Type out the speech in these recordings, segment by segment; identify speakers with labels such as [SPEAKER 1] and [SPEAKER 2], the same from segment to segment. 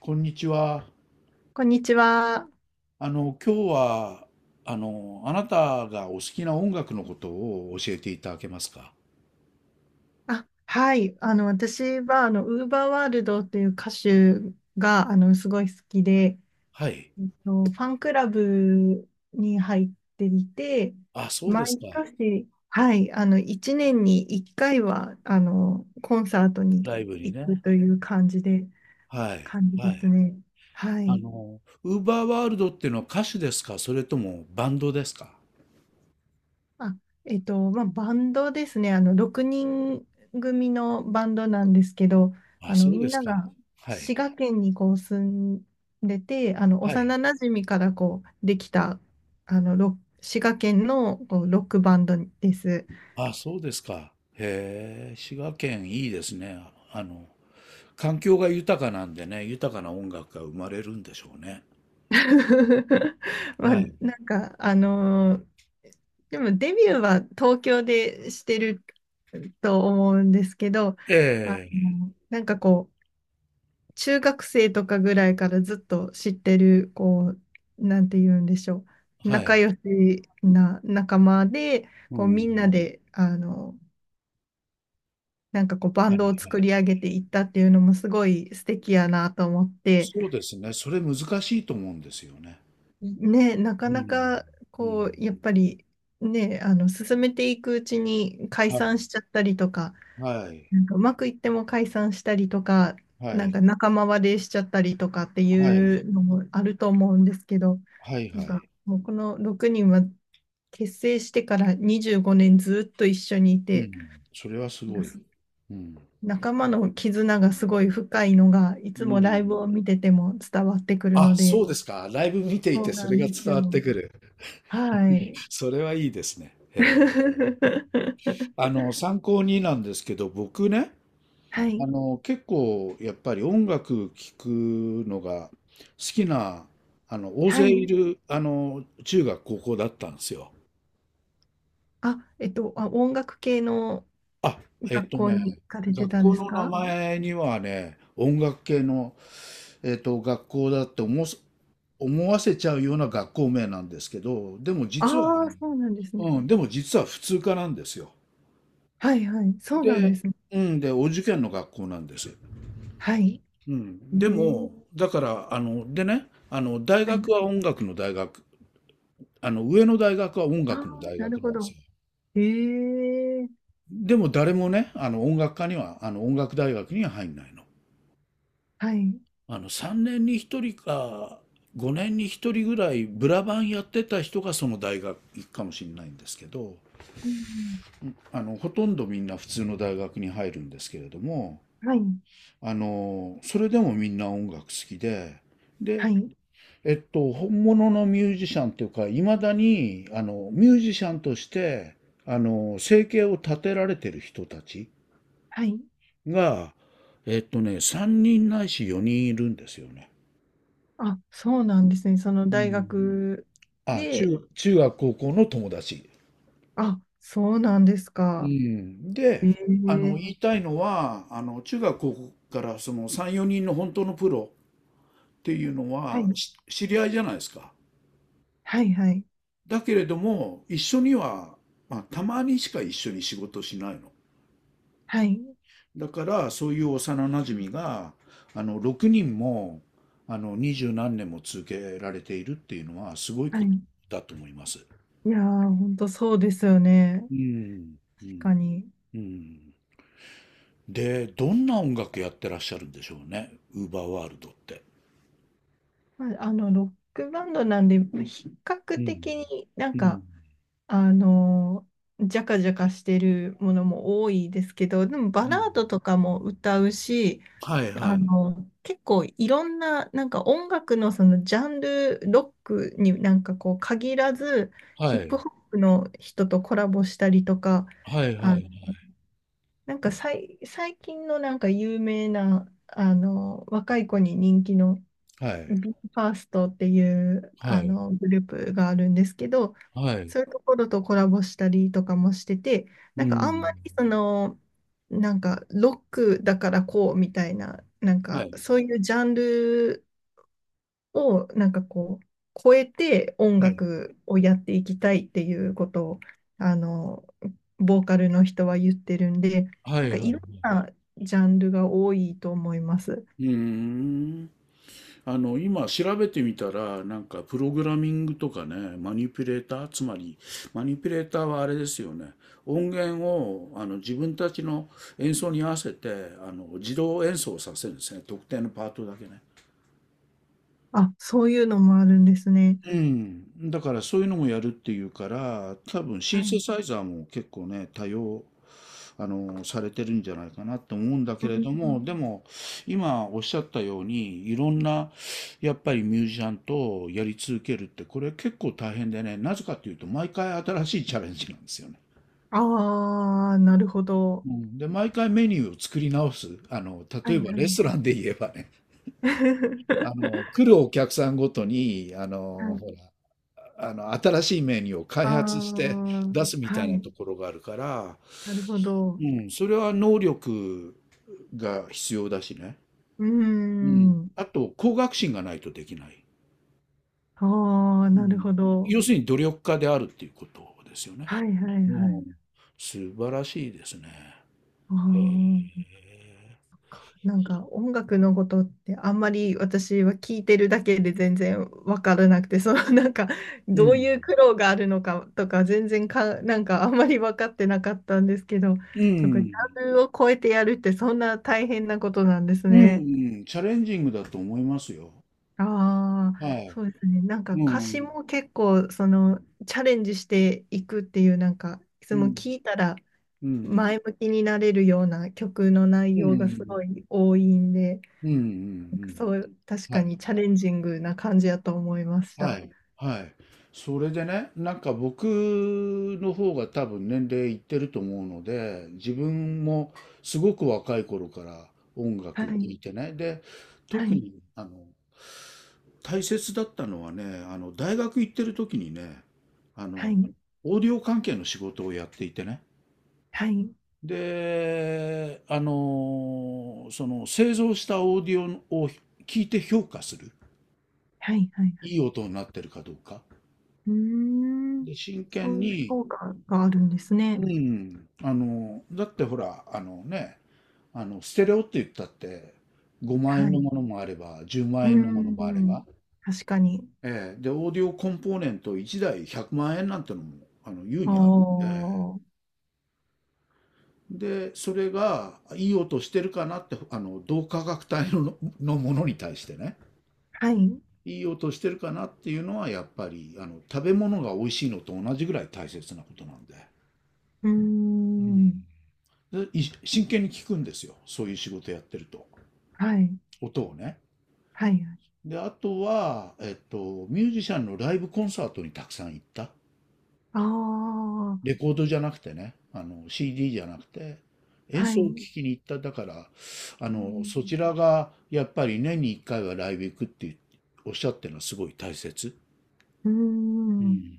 [SPEAKER 1] こんにちは。
[SPEAKER 2] こんにちは。
[SPEAKER 1] 今日は、あなたがお好きな音楽のことを教えていただけますか？
[SPEAKER 2] あ、はい。私は、ウーバーワールドという歌手が、すごい好きで、
[SPEAKER 1] はい。
[SPEAKER 2] ファンクラブに入っていて、
[SPEAKER 1] あ、そうです
[SPEAKER 2] 毎
[SPEAKER 1] か。
[SPEAKER 2] 年、はい、1年に1回は、コンサートに
[SPEAKER 1] ライブに
[SPEAKER 2] 行く
[SPEAKER 1] ね。
[SPEAKER 2] という
[SPEAKER 1] はい。
[SPEAKER 2] 感じ
[SPEAKER 1] は
[SPEAKER 2] です
[SPEAKER 1] い。
[SPEAKER 2] ね。はい。
[SPEAKER 1] ウーバーワールドっていうのは歌手ですか、それともバンドですか？
[SPEAKER 2] あ、まあ、バンドですね。6人組のバンドなんですけど、
[SPEAKER 1] あ、そう
[SPEAKER 2] み
[SPEAKER 1] で
[SPEAKER 2] ん
[SPEAKER 1] す
[SPEAKER 2] な
[SPEAKER 1] か。
[SPEAKER 2] が
[SPEAKER 1] は
[SPEAKER 2] 滋
[SPEAKER 1] い。
[SPEAKER 2] 賀県にこう住んでて、
[SPEAKER 1] は
[SPEAKER 2] 幼
[SPEAKER 1] い。
[SPEAKER 2] 馴染からこう、できた、あの、ロ滋賀県のこうロックバンドです。
[SPEAKER 1] あ、そうですか。へえ、滋賀県いいですね。あの、環境が豊かなんでね、豊かな音楽が生まれるんでしょうね。
[SPEAKER 2] まあ、
[SPEAKER 1] はい。
[SPEAKER 2] なんか、でもデビューは東京でしてると思うんですけど、
[SPEAKER 1] ええ、
[SPEAKER 2] なんかこう、中学生とかぐらいからずっと知ってる、こう、なんて言うんでしょう。
[SPEAKER 1] は
[SPEAKER 2] 仲
[SPEAKER 1] い。
[SPEAKER 2] 良しな仲間で、
[SPEAKER 1] う
[SPEAKER 2] こう、
[SPEAKER 1] ん。
[SPEAKER 2] みんなで、なんかこう、バ
[SPEAKER 1] は
[SPEAKER 2] ン
[SPEAKER 1] いは
[SPEAKER 2] ドを作
[SPEAKER 1] い。
[SPEAKER 2] り上げていったっていうのもすごい素敵やなと思って、
[SPEAKER 1] そうですね。それ難しいと思うんですよね。
[SPEAKER 2] ね、な
[SPEAKER 1] う
[SPEAKER 2] かな
[SPEAKER 1] ん。
[SPEAKER 2] か、
[SPEAKER 1] う
[SPEAKER 2] こう、
[SPEAKER 1] ん。
[SPEAKER 2] やっぱり、ね、進めていくうちに解
[SPEAKER 1] はい。
[SPEAKER 2] 散しちゃったりとか、
[SPEAKER 1] はい。
[SPEAKER 2] なんかうまくいっても解散したりとか、
[SPEAKER 1] は
[SPEAKER 2] なん
[SPEAKER 1] い。
[SPEAKER 2] か仲間割れしちゃったりとかって
[SPEAKER 1] は
[SPEAKER 2] い
[SPEAKER 1] い。
[SPEAKER 2] うのもあると思うんですけど、
[SPEAKER 1] はい。は
[SPEAKER 2] なんか
[SPEAKER 1] い。
[SPEAKER 2] もうこの6人は結成してから25年ずっと一緒にい
[SPEAKER 1] う
[SPEAKER 2] て、
[SPEAKER 1] ん。それはす
[SPEAKER 2] なん
[SPEAKER 1] ご
[SPEAKER 2] か
[SPEAKER 1] い。
[SPEAKER 2] す
[SPEAKER 1] うん。
[SPEAKER 2] 仲間の絆がすごい深いのが、いつ
[SPEAKER 1] う
[SPEAKER 2] もライブ
[SPEAKER 1] ん。
[SPEAKER 2] を見てても伝わってくる
[SPEAKER 1] あ、
[SPEAKER 2] ので、
[SPEAKER 1] そうですか。ライブ見てい
[SPEAKER 2] そう
[SPEAKER 1] てそ
[SPEAKER 2] な
[SPEAKER 1] れ
[SPEAKER 2] ん
[SPEAKER 1] が
[SPEAKER 2] です
[SPEAKER 1] 伝わっ
[SPEAKER 2] よ。
[SPEAKER 1] てくる。
[SPEAKER 2] はい。
[SPEAKER 1] それはいいですね。ええ、参考になんですけど、僕ね、
[SPEAKER 2] はい。
[SPEAKER 1] 結構やっぱり音楽聴くのが好きな、大
[SPEAKER 2] は
[SPEAKER 1] 勢い
[SPEAKER 2] い。
[SPEAKER 1] る、中学、高校だったんですよ。
[SPEAKER 2] あ、音楽系の
[SPEAKER 1] あ、えっ
[SPEAKER 2] 学
[SPEAKER 1] と
[SPEAKER 2] 校に
[SPEAKER 1] ね、
[SPEAKER 2] 行かれて
[SPEAKER 1] 学
[SPEAKER 2] たん
[SPEAKER 1] 校
[SPEAKER 2] です
[SPEAKER 1] の名
[SPEAKER 2] か？
[SPEAKER 1] 前にはね、音楽系の、学校だって思わせ、思わせちゃうような学校名なんですけど、でも実は、
[SPEAKER 2] ああ、そうなんですね。
[SPEAKER 1] うん、でも実は普通科なんですよ。
[SPEAKER 2] はいはい。そうなんで
[SPEAKER 1] で、
[SPEAKER 2] すね。
[SPEAKER 1] うん、で、お受験の学校なんです。
[SPEAKER 2] はい。
[SPEAKER 1] う
[SPEAKER 2] え
[SPEAKER 1] ん、で
[SPEAKER 2] ー
[SPEAKER 1] も、だから、でね、大
[SPEAKER 2] はい。
[SPEAKER 1] 学は音楽の大学、上の大学は音
[SPEAKER 2] ああ、
[SPEAKER 1] 楽の大
[SPEAKER 2] なる
[SPEAKER 1] 学な
[SPEAKER 2] ほ
[SPEAKER 1] んです
[SPEAKER 2] ど。
[SPEAKER 1] よ。
[SPEAKER 2] ええ
[SPEAKER 1] でも誰もね、音楽科には、音楽大学には入んないの。
[SPEAKER 2] はい。
[SPEAKER 1] 3年に1人か5年に1人ぐらいブラバンやってた人がその大学行くかもしれないんですけど、
[SPEAKER 2] うん。
[SPEAKER 1] ほとんどみんな普通の大学に入るんですけれども、
[SPEAKER 2] はい。
[SPEAKER 1] それでもみんな音楽好きで、
[SPEAKER 2] は
[SPEAKER 1] で、
[SPEAKER 2] い。
[SPEAKER 1] 本物のミュージシャンというかいまだにミュージシャンとして生計を立てられてる人たち
[SPEAKER 2] はい。
[SPEAKER 1] が、3人ないし4人いるんですよね。
[SPEAKER 2] あ、そうなんですね。その
[SPEAKER 1] う
[SPEAKER 2] 大
[SPEAKER 1] ん、
[SPEAKER 2] 学
[SPEAKER 1] あ、
[SPEAKER 2] で、
[SPEAKER 1] 中学高校の友達。
[SPEAKER 2] あ、そうなんです
[SPEAKER 1] う
[SPEAKER 2] か。
[SPEAKER 1] ん。で、
[SPEAKER 2] ええ
[SPEAKER 1] 言いたいのは、中学高校からその3、4人の本当のプロっていうの
[SPEAKER 2] は
[SPEAKER 1] は
[SPEAKER 2] い。
[SPEAKER 1] し知り合いじゃないですか。
[SPEAKER 2] はいはい。
[SPEAKER 1] だけれども、一緒には、まあ、たまにしか一緒に仕事しないの。
[SPEAKER 2] はい。
[SPEAKER 1] だから、そういう幼なじみが、6人も、二十何年も続けられているっていうのは、すごい
[SPEAKER 2] は
[SPEAKER 1] こと
[SPEAKER 2] い。
[SPEAKER 1] だと思います。
[SPEAKER 2] いやー、ほんとそうですよね。
[SPEAKER 1] うん、う
[SPEAKER 2] 確
[SPEAKER 1] ん、
[SPEAKER 2] かに。
[SPEAKER 1] うん。で、どんな音楽やってらっしゃるんでしょうね、ウーバーワールドって。
[SPEAKER 2] まあ、ロックバンドなんで、比較
[SPEAKER 1] うん。
[SPEAKER 2] 的になん
[SPEAKER 1] うん。
[SPEAKER 2] か、あの、ジャカジャカしてるものも多いですけど、でもバ
[SPEAKER 1] うん。
[SPEAKER 2] ラードとかも歌うし、
[SPEAKER 1] はいは
[SPEAKER 2] あ
[SPEAKER 1] い。
[SPEAKER 2] の、結構いろんな、なんか音楽のそのジャンル、ロックになんかこう限らず、
[SPEAKER 1] は
[SPEAKER 2] ヒッ
[SPEAKER 1] い。
[SPEAKER 2] プホップの人とコラボしたりとか、
[SPEAKER 1] はい
[SPEAKER 2] あ、
[SPEAKER 1] はい。
[SPEAKER 2] なんか最近のなんか有名な、若い子に人気の
[SPEAKER 1] はい。
[SPEAKER 2] ビーファーストっていう
[SPEAKER 1] は
[SPEAKER 2] あ
[SPEAKER 1] い。
[SPEAKER 2] のグループがあるんですけど、
[SPEAKER 1] はい。う
[SPEAKER 2] そういうところとコラボしたりとかもしてて、
[SPEAKER 1] ー
[SPEAKER 2] なんかあん
[SPEAKER 1] ん。
[SPEAKER 2] まりその、なんかロックだからこうみたいな、なん
[SPEAKER 1] は
[SPEAKER 2] か
[SPEAKER 1] い。
[SPEAKER 2] そういうジャンルをなんかこう、超えて音
[SPEAKER 1] はい。
[SPEAKER 2] 楽をやっていきたいっていうことを、あの、ボーカルの人は言ってるんで、
[SPEAKER 1] は
[SPEAKER 2] なん
[SPEAKER 1] い
[SPEAKER 2] か
[SPEAKER 1] はい
[SPEAKER 2] い
[SPEAKER 1] は
[SPEAKER 2] ろん
[SPEAKER 1] い。
[SPEAKER 2] なジャンルが多いと思います。
[SPEAKER 1] うーん。今調べてみたら、なんかプログラミングとかね、マニピュレーター、つまり、マニピュレーターはあれですよね。音源を、自分たちの演奏に合わせて、自動演奏させるんですね。特定のパートだけね。
[SPEAKER 2] あ、そういうのもあるんですね。
[SPEAKER 1] うん、だからそういうのもやるっていうから、多分
[SPEAKER 2] は
[SPEAKER 1] シンセ
[SPEAKER 2] い
[SPEAKER 1] サイザーも結構ね、多用、されてるんじゃないかなと思うんだけれども、で
[SPEAKER 2] あ
[SPEAKER 1] も、今おっしゃったように、いろんな、やっぱりミュージシャンとやり続けるって、これ結構大変でね、なぜかっていうと、毎回新しいチャレンジなんですよね。
[SPEAKER 2] あー、なるほど。
[SPEAKER 1] うん、で、毎回メニューを作り直す。
[SPEAKER 2] は
[SPEAKER 1] 例え
[SPEAKER 2] い
[SPEAKER 1] ば
[SPEAKER 2] は
[SPEAKER 1] レストラ
[SPEAKER 2] い。
[SPEAKER 1] ンで言えばね、来るお客さんごとに、
[SPEAKER 2] はい。
[SPEAKER 1] ほら、新しいメニューを
[SPEAKER 2] あ
[SPEAKER 1] 開発して
[SPEAKER 2] あ、
[SPEAKER 1] 出すみた
[SPEAKER 2] は
[SPEAKER 1] いな
[SPEAKER 2] い。
[SPEAKER 1] ところがあるから、
[SPEAKER 2] なるほど。
[SPEAKER 1] うん、それは能力が必要だしね。
[SPEAKER 2] うー
[SPEAKER 1] うん、
[SPEAKER 2] ん。
[SPEAKER 1] あと、向学心がないとできない。
[SPEAKER 2] ああ、
[SPEAKER 1] う
[SPEAKER 2] なる
[SPEAKER 1] ん、
[SPEAKER 2] ほど。
[SPEAKER 1] 要するに努力家であるっていうことですよね。
[SPEAKER 2] はいはいは
[SPEAKER 1] うん、
[SPEAKER 2] い。
[SPEAKER 1] 素晴らしいですね。
[SPEAKER 2] あ
[SPEAKER 1] へえ。
[SPEAKER 2] あ。なんか音楽のことってあんまり私は聞いてるだけで全然わからなくて、そのなんか
[SPEAKER 1] う
[SPEAKER 2] どう
[SPEAKER 1] ん。
[SPEAKER 2] いう苦労があるのかとか全然か、なんかあんまり分かってなかったんですけど、
[SPEAKER 1] う
[SPEAKER 2] そこジ
[SPEAKER 1] ん。
[SPEAKER 2] ャンルを超えてやるってそんな大変なことなんです
[SPEAKER 1] うん、う
[SPEAKER 2] ね。
[SPEAKER 1] んチャレンジングだと思いますよ。
[SPEAKER 2] ああ、
[SPEAKER 1] はい。
[SPEAKER 2] そうですね。なんか
[SPEAKER 1] う
[SPEAKER 2] 歌詞
[SPEAKER 1] ん。
[SPEAKER 2] も結構そのチャレンジしていくっていうなんかいつ
[SPEAKER 1] う
[SPEAKER 2] も
[SPEAKER 1] ん。
[SPEAKER 2] 聞いたら
[SPEAKER 1] うん。
[SPEAKER 2] 前向きになれるような曲の内
[SPEAKER 1] う
[SPEAKER 2] 容がす
[SPEAKER 1] ん。
[SPEAKER 2] ごい多いんで。
[SPEAKER 1] うん。うん。うん。
[SPEAKER 2] そう、確
[SPEAKER 1] は
[SPEAKER 2] か
[SPEAKER 1] い。
[SPEAKER 2] にチャレンジングな感じやと思いまし
[SPEAKER 1] は
[SPEAKER 2] た。
[SPEAKER 1] い、はい。それでね、なんか僕の方が多分年齢いってると思うので、自分もすごく若い頃から音
[SPEAKER 2] は
[SPEAKER 1] 楽聴
[SPEAKER 2] い、
[SPEAKER 1] いてね。で、
[SPEAKER 2] は
[SPEAKER 1] 特
[SPEAKER 2] い、
[SPEAKER 1] に大切だったのはね、大学行ってる時にね、あ
[SPEAKER 2] は
[SPEAKER 1] の
[SPEAKER 2] い、
[SPEAKER 1] オーディオ関係の仕事をやっていてね。
[SPEAKER 2] はい、
[SPEAKER 1] で、その製造したオーディオを聞いて評価する。
[SPEAKER 2] はい、はい。
[SPEAKER 1] いい音になってるかどうか。
[SPEAKER 2] うーん、
[SPEAKER 1] で、真剣
[SPEAKER 2] そういう
[SPEAKER 1] に
[SPEAKER 2] 評価があるんですね。
[SPEAKER 1] うん、だってほら、あのね、ステレオって言ったって、5万円
[SPEAKER 2] は
[SPEAKER 1] の
[SPEAKER 2] い。
[SPEAKER 1] ものもあれば、10
[SPEAKER 2] う
[SPEAKER 1] 万
[SPEAKER 2] ー
[SPEAKER 1] 円のものもあれば、
[SPEAKER 2] ん、確かに。
[SPEAKER 1] ええ、で、オーディオコンポーネント1台100万円なんてのも、優
[SPEAKER 2] ああ、
[SPEAKER 1] にあるんで、
[SPEAKER 2] は
[SPEAKER 1] で、それがいい音してるかなって、同価格帯の、のものに対してね、
[SPEAKER 2] い。う
[SPEAKER 1] いい音してるかなっていうのは、やっぱり、食べ物が美味しいのと同じぐらい大切なことなんで、
[SPEAKER 2] ーん、
[SPEAKER 1] うん、でい真剣に聞くんですよ、そういう仕事やってると。
[SPEAKER 2] はい、
[SPEAKER 1] 音をね。
[SPEAKER 2] はい。
[SPEAKER 1] で、あとは、ミュージシャンのライブコンサートにたくさん行った。
[SPEAKER 2] ああ、
[SPEAKER 1] レコードじゃなくてね、CD じゃなくて、演
[SPEAKER 2] は
[SPEAKER 1] 奏を聴
[SPEAKER 2] い。
[SPEAKER 1] きに行った。だから、
[SPEAKER 2] うん、
[SPEAKER 1] そちらがやっぱり年に1回はライブ行くっておっしゃってるのはすごい大切。
[SPEAKER 2] うー
[SPEAKER 1] う
[SPEAKER 2] ん
[SPEAKER 1] ん。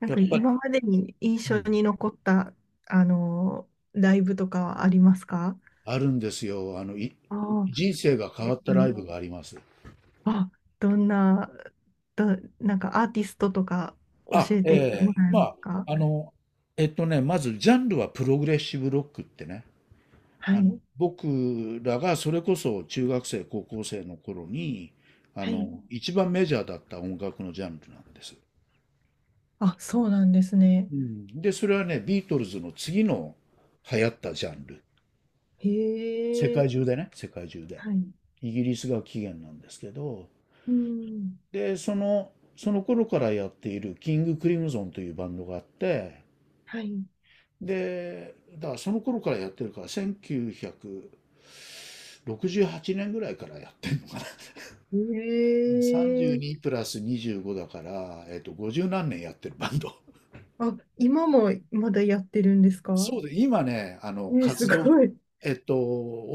[SPEAKER 2] なん
[SPEAKER 1] やっ
[SPEAKER 2] か
[SPEAKER 1] ぱり、
[SPEAKER 2] 今までに印
[SPEAKER 1] う
[SPEAKER 2] 象
[SPEAKER 1] ん。
[SPEAKER 2] に残った、ライブとかはありますか？
[SPEAKER 1] あるんですよ。
[SPEAKER 2] ああ
[SPEAKER 1] 人生が変
[SPEAKER 2] う
[SPEAKER 1] わったライ
[SPEAKER 2] ん
[SPEAKER 1] ブがあります。
[SPEAKER 2] あ、どんな、ど、なんかアーティストとか教
[SPEAKER 1] あ、
[SPEAKER 2] えて
[SPEAKER 1] え
[SPEAKER 2] も
[SPEAKER 1] え
[SPEAKER 2] らえ
[SPEAKER 1] ま
[SPEAKER 2] ます
[SPEAKER 1] あ、
[SPEAKER 2] か？
[SPEAKER 1] あの、まずジャンルはプログレッシブロックってね、
[SPEAKER 2] はい。
[SPEAKER 1] 僕らがそれこそ中学生、高校生の頃に、
[SPEAKER 2] はい。
[SPEAKER 1] 一番メジャーだった音楽のジャンルなんです。
[SPEAKER 2] あ、そうなんですね。
[SPEAKER 1] うん、で、それはね、ビートルズの次の流行ったジャンル。
[SPEAKER 2] へ
[SPEAKER 1] 世
[SPEAKER 2] え。
[SPEAKER 1] 界中でね、世界中で。
[SPEAKER 2] はい。
[SPEAKER 1] イギリスが起源なんですけど、
[SPEAKER 2] うん。
[SPEAKER 1] で、その頃からやっているキング・クリムゾンというバンドがあって、
[SPEAKER 2] はい。
[SPEAKER 1] で、だからその頃からやってるから、1 9 68年ぐらいからやってんのかな、
[SPEAKER 2] へ
[SPEAKER 1] 32
[SPEAKER 2] え。
[SPEAKER 1] プラス25だから、50何年やってるバンド。
[SPEAKER 2] あ、今もまだやってるんですか？
[SPEAKER 1] そうで、今ね、
[SPEAKER 2] す
[SPEAKER 1] 活動、
[SPEAKER 2] ごい。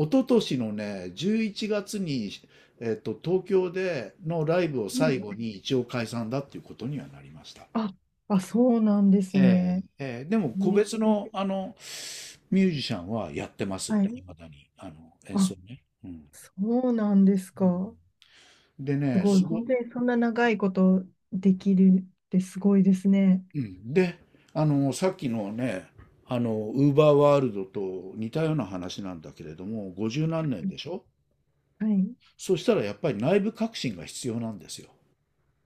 [SPEAKER 1] 一昨年のね、11月に、東京でのライブを
[SPEAKER 2] う
[SPEAKER 1] 最後
[SPEAKER 2] ん
[SPEAKER 1] に一応解散だっていうことにはなりました。
[SPEAKER 2] あ、あ、そうなんです
[SPEAKER 1] え
[SPEAKER 2] ね。
[SPEAKER 1] え、ええ、でも個
[SPEAKER 2] ね
[SPEAKER 1] 別の、ミュージシャンはやってます。
[SPEAKER 2] は
[SPEAKER 1] い
[SPEAKER 2] い。
[SPEAKER 1] まだに、演奏
[SPEAKER 2] あ、
[SPEAKER 1] ね。うん。
[SPEAKER 2] そうなんですか。
[SPEAKER 1] うん、で
[SPEAKER 2] す
[SPEAKER 1] ね、
[SPEAKER 2] ごい。本当にそんな長いことできるってすごいですね。
[SPEAKER 1] うん、で、さっきのね、ウーバーワールドと似たような話なんだけれども、50何年でしょ？
[SPEAKER 2] はい。
[SPEAKER 1] そしたらやっぱり内部革新が必要なんですよ。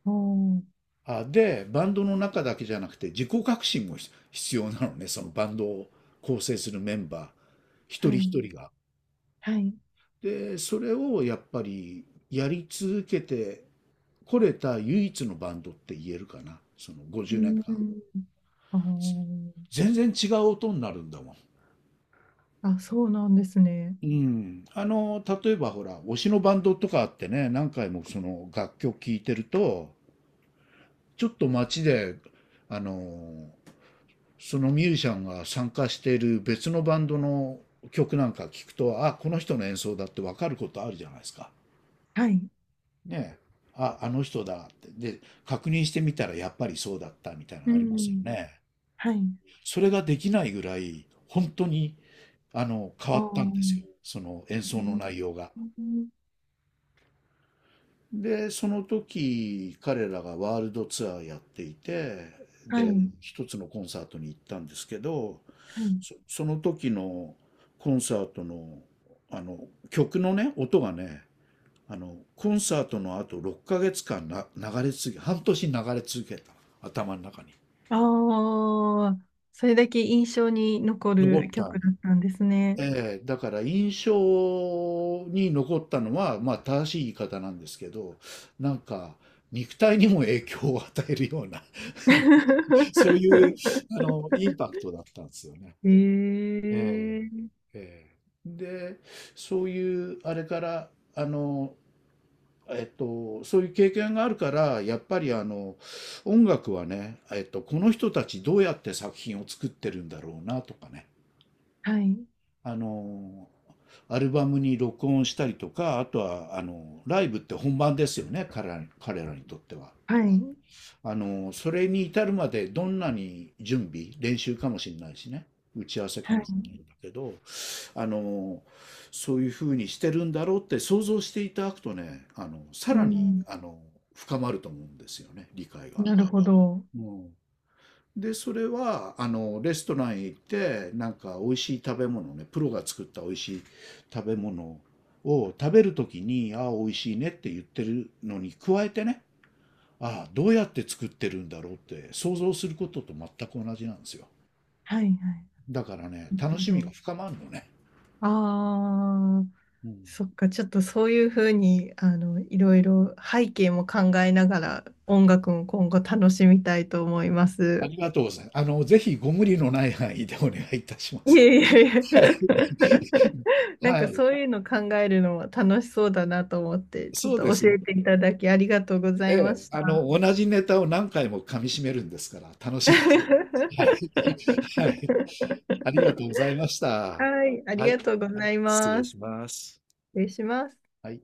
[SPEAKER 2] おー、
[SPEAKER 1] あ、で、バンドの中だけじゃなくて自己革新も必必要なのね、そのバンドを構成するメンバー、一
[SPEAKER 2] は
[SPEAKER 1] 人一
[SPEAKER 2] い。
[SPEAKER 1] 人が。
[SPEAKER 2] はい。
[SPEAKER 1] で、それをやっぱりやり続けてこれた唯一のバンドって言えるかな、その
[SPEAKER 2] う
[SPEAKER 1] 50年間。
[SPEAKER 2] ん。あー
[SPEAKER 1] 全然違う音になるんだもん。
[SPEAKER 2] あ、そうなんですね。
[SPEAKER 1] うん、例えばほら、推しのバンドとかあってね、何回もその楽曲聴いてると、ちょっと街で、あの、そのミュージシャンが参加している別のバンドの曲なんか聞くと、あ、この人の演奏だってわかることあるじゃないですか。
[SPEAKER 2] はい。
[SPEAKER 1] ねえ。あ、あの人だって。で、確認してみたらやっぱりそうだったみたいなの
[SPEAKER 2] う
[SPEAKER 1] ありますよ
[SPEAKER 2] ん。
[SPEAKER 1] ね。
[SPEAKER 2] はい。
[SPEAKER 1] それができないぐらい、本当に、変
[SPEAKER 2] あ
[SPEAKER 1] わったんです
[SPEAKER 2] ー
[SPEAKER 1] よ。その演奏の内
[SPEAKER 2] う
[SPEAKER 1] 容が。
[SPEAKER 2] ん
[SPEAKER 1] で、その時、彼らがワールドツアーやっていて、
[SPEAKER 2] はい。
[SPEAKER 1] で、
[SPEAKER 2] は
[SPEAKER 1] 一つのコンサートに行ったんですけど、
[SPEAKER 2] い。
[SPEAKER 1] その時のコンサートの、あの、曲のね、音がね、コンサートの後6ヶ月間な、流れ続け、半年流れ続けた。頭の中に。
[SPEAKER 2] ああ、それだけ印象に残
[SPEAKER 1] 残
[SPEAKER 2] る
[SPEAKER 1] った。
[SPEAKER 2] 曲だったんですね。
[SPEAKER 1] ええ、だから印象に残ったのは、まあ正しい言い方なんですけど、なんか肉体にも影響を与えるような そういう、インパクトだったんですよね。
[SPEAKER 2] え
[SPEAKER 1] ええ、
[SPEAKER 2] え
[SPEAKER 1] ええ、で、そういう、あれから、あの、そういう経験があるから、やっぱりあの、音楽はね、この人たちどうやって作品を作ってるんだろうなとかね、
[SPEAKER 2] はい。
[SPEAKER 1] あの、アルバムに録音したりとか、あとは、ライブって本番ですよね、彼らにとっては。
[SPEAKER 2] はい。
[SPEAKER 1] それに至るまでどんなに準備、練習かもしれないしね、打ち合わせか
[SPEAKER 2] は
[SPEAKER 1] もし
[SPEAKER 2] い。
[SPEAKER 1] れないんだけど、あの、そういうふうにしてるんだろうって想像していただくとね、さ
[SPEAKER 2] う
[SPEAKER 1] らに、
[SPEAKER 2] ん。
[SPEAKER 1] 深まると思うんですよね、理解が。
[SPEAKER 2] なるほど。
[SPEAKER 1] うん、で、それは、レストランへ行って、なんか美味しい食べ物ね、プロが作った美味しい食べ物を食べるときに、ああ、美味しいねって言ってるのに加えてね、ああ、どうやって作ってるんだろうって想像することと全く同じなんですよ。
[SPEAKER 2] はいはい。
[SPEAKER 1] だからね、
[SPEAKER 2] なる
[SPEAKER 1] 楽
[SPEAKER 2] ほ
[SPEAKER 1] しみが
[SPEAKER 2] ど。
[SPEAKER 1] 深まるのね。
[SPEAKER 2] ああ、
[SPEAKER 1] うん、
[SPEAKER 2] そっか。ちょっとそういうふうに、いろいろ背景も考えながら音楽も今後楽しみたいと思いま
[SPEAKER 1] あ
[SPEAKER 2] す。
[SPEAKER 1] りがとうございます。ぜひご無理のない範囲でお願いいたしま
[SPEAKER 2] い
[SPEAKER 1] す。
[SPEAKER 2] えいえいえ。
[SPEAKER 1] はい。
[SPEAKER 2] なん
[SPEAKER 1] は
[SPEAKER 2] か
[SPEAKER 1] い。
[SPEAKER 2] そういうの考えるのも楽しそうだなと思って、ちょっ
[SPEAKER 1] そう
[SPEAKER 2] と
[SPEAKER 1] です
[SPEAKER 2] 教
[SPEAKER 1] ね。
[SPEAKER 2] えていただきありがとうござ
[SPEAKER 1] え
[SPEAKER 2] いま
[SPEAKER 1] え。
[SPEAKER 2] した。
[SPEAKER 1] 同じネタを何回も噛み締めるんですから、楽しいです。はい。はい。ありがとうございました。
[SPEAKER 2] はい、あり
[SPEAKER 1] はい。
[SPEAKER 2] がとうご
[SPEAKER 1] はい、
[SPEAKER 2] ざい
[SPEAKER 1] 失礼
[SPEAKER 2] ま
[SPEAKER 1] し
[SPEAKER 2] す。
[SPEAKER 1] ます。
[SPEAKER 2] 失礼します。
[SPEAKER 1] はい。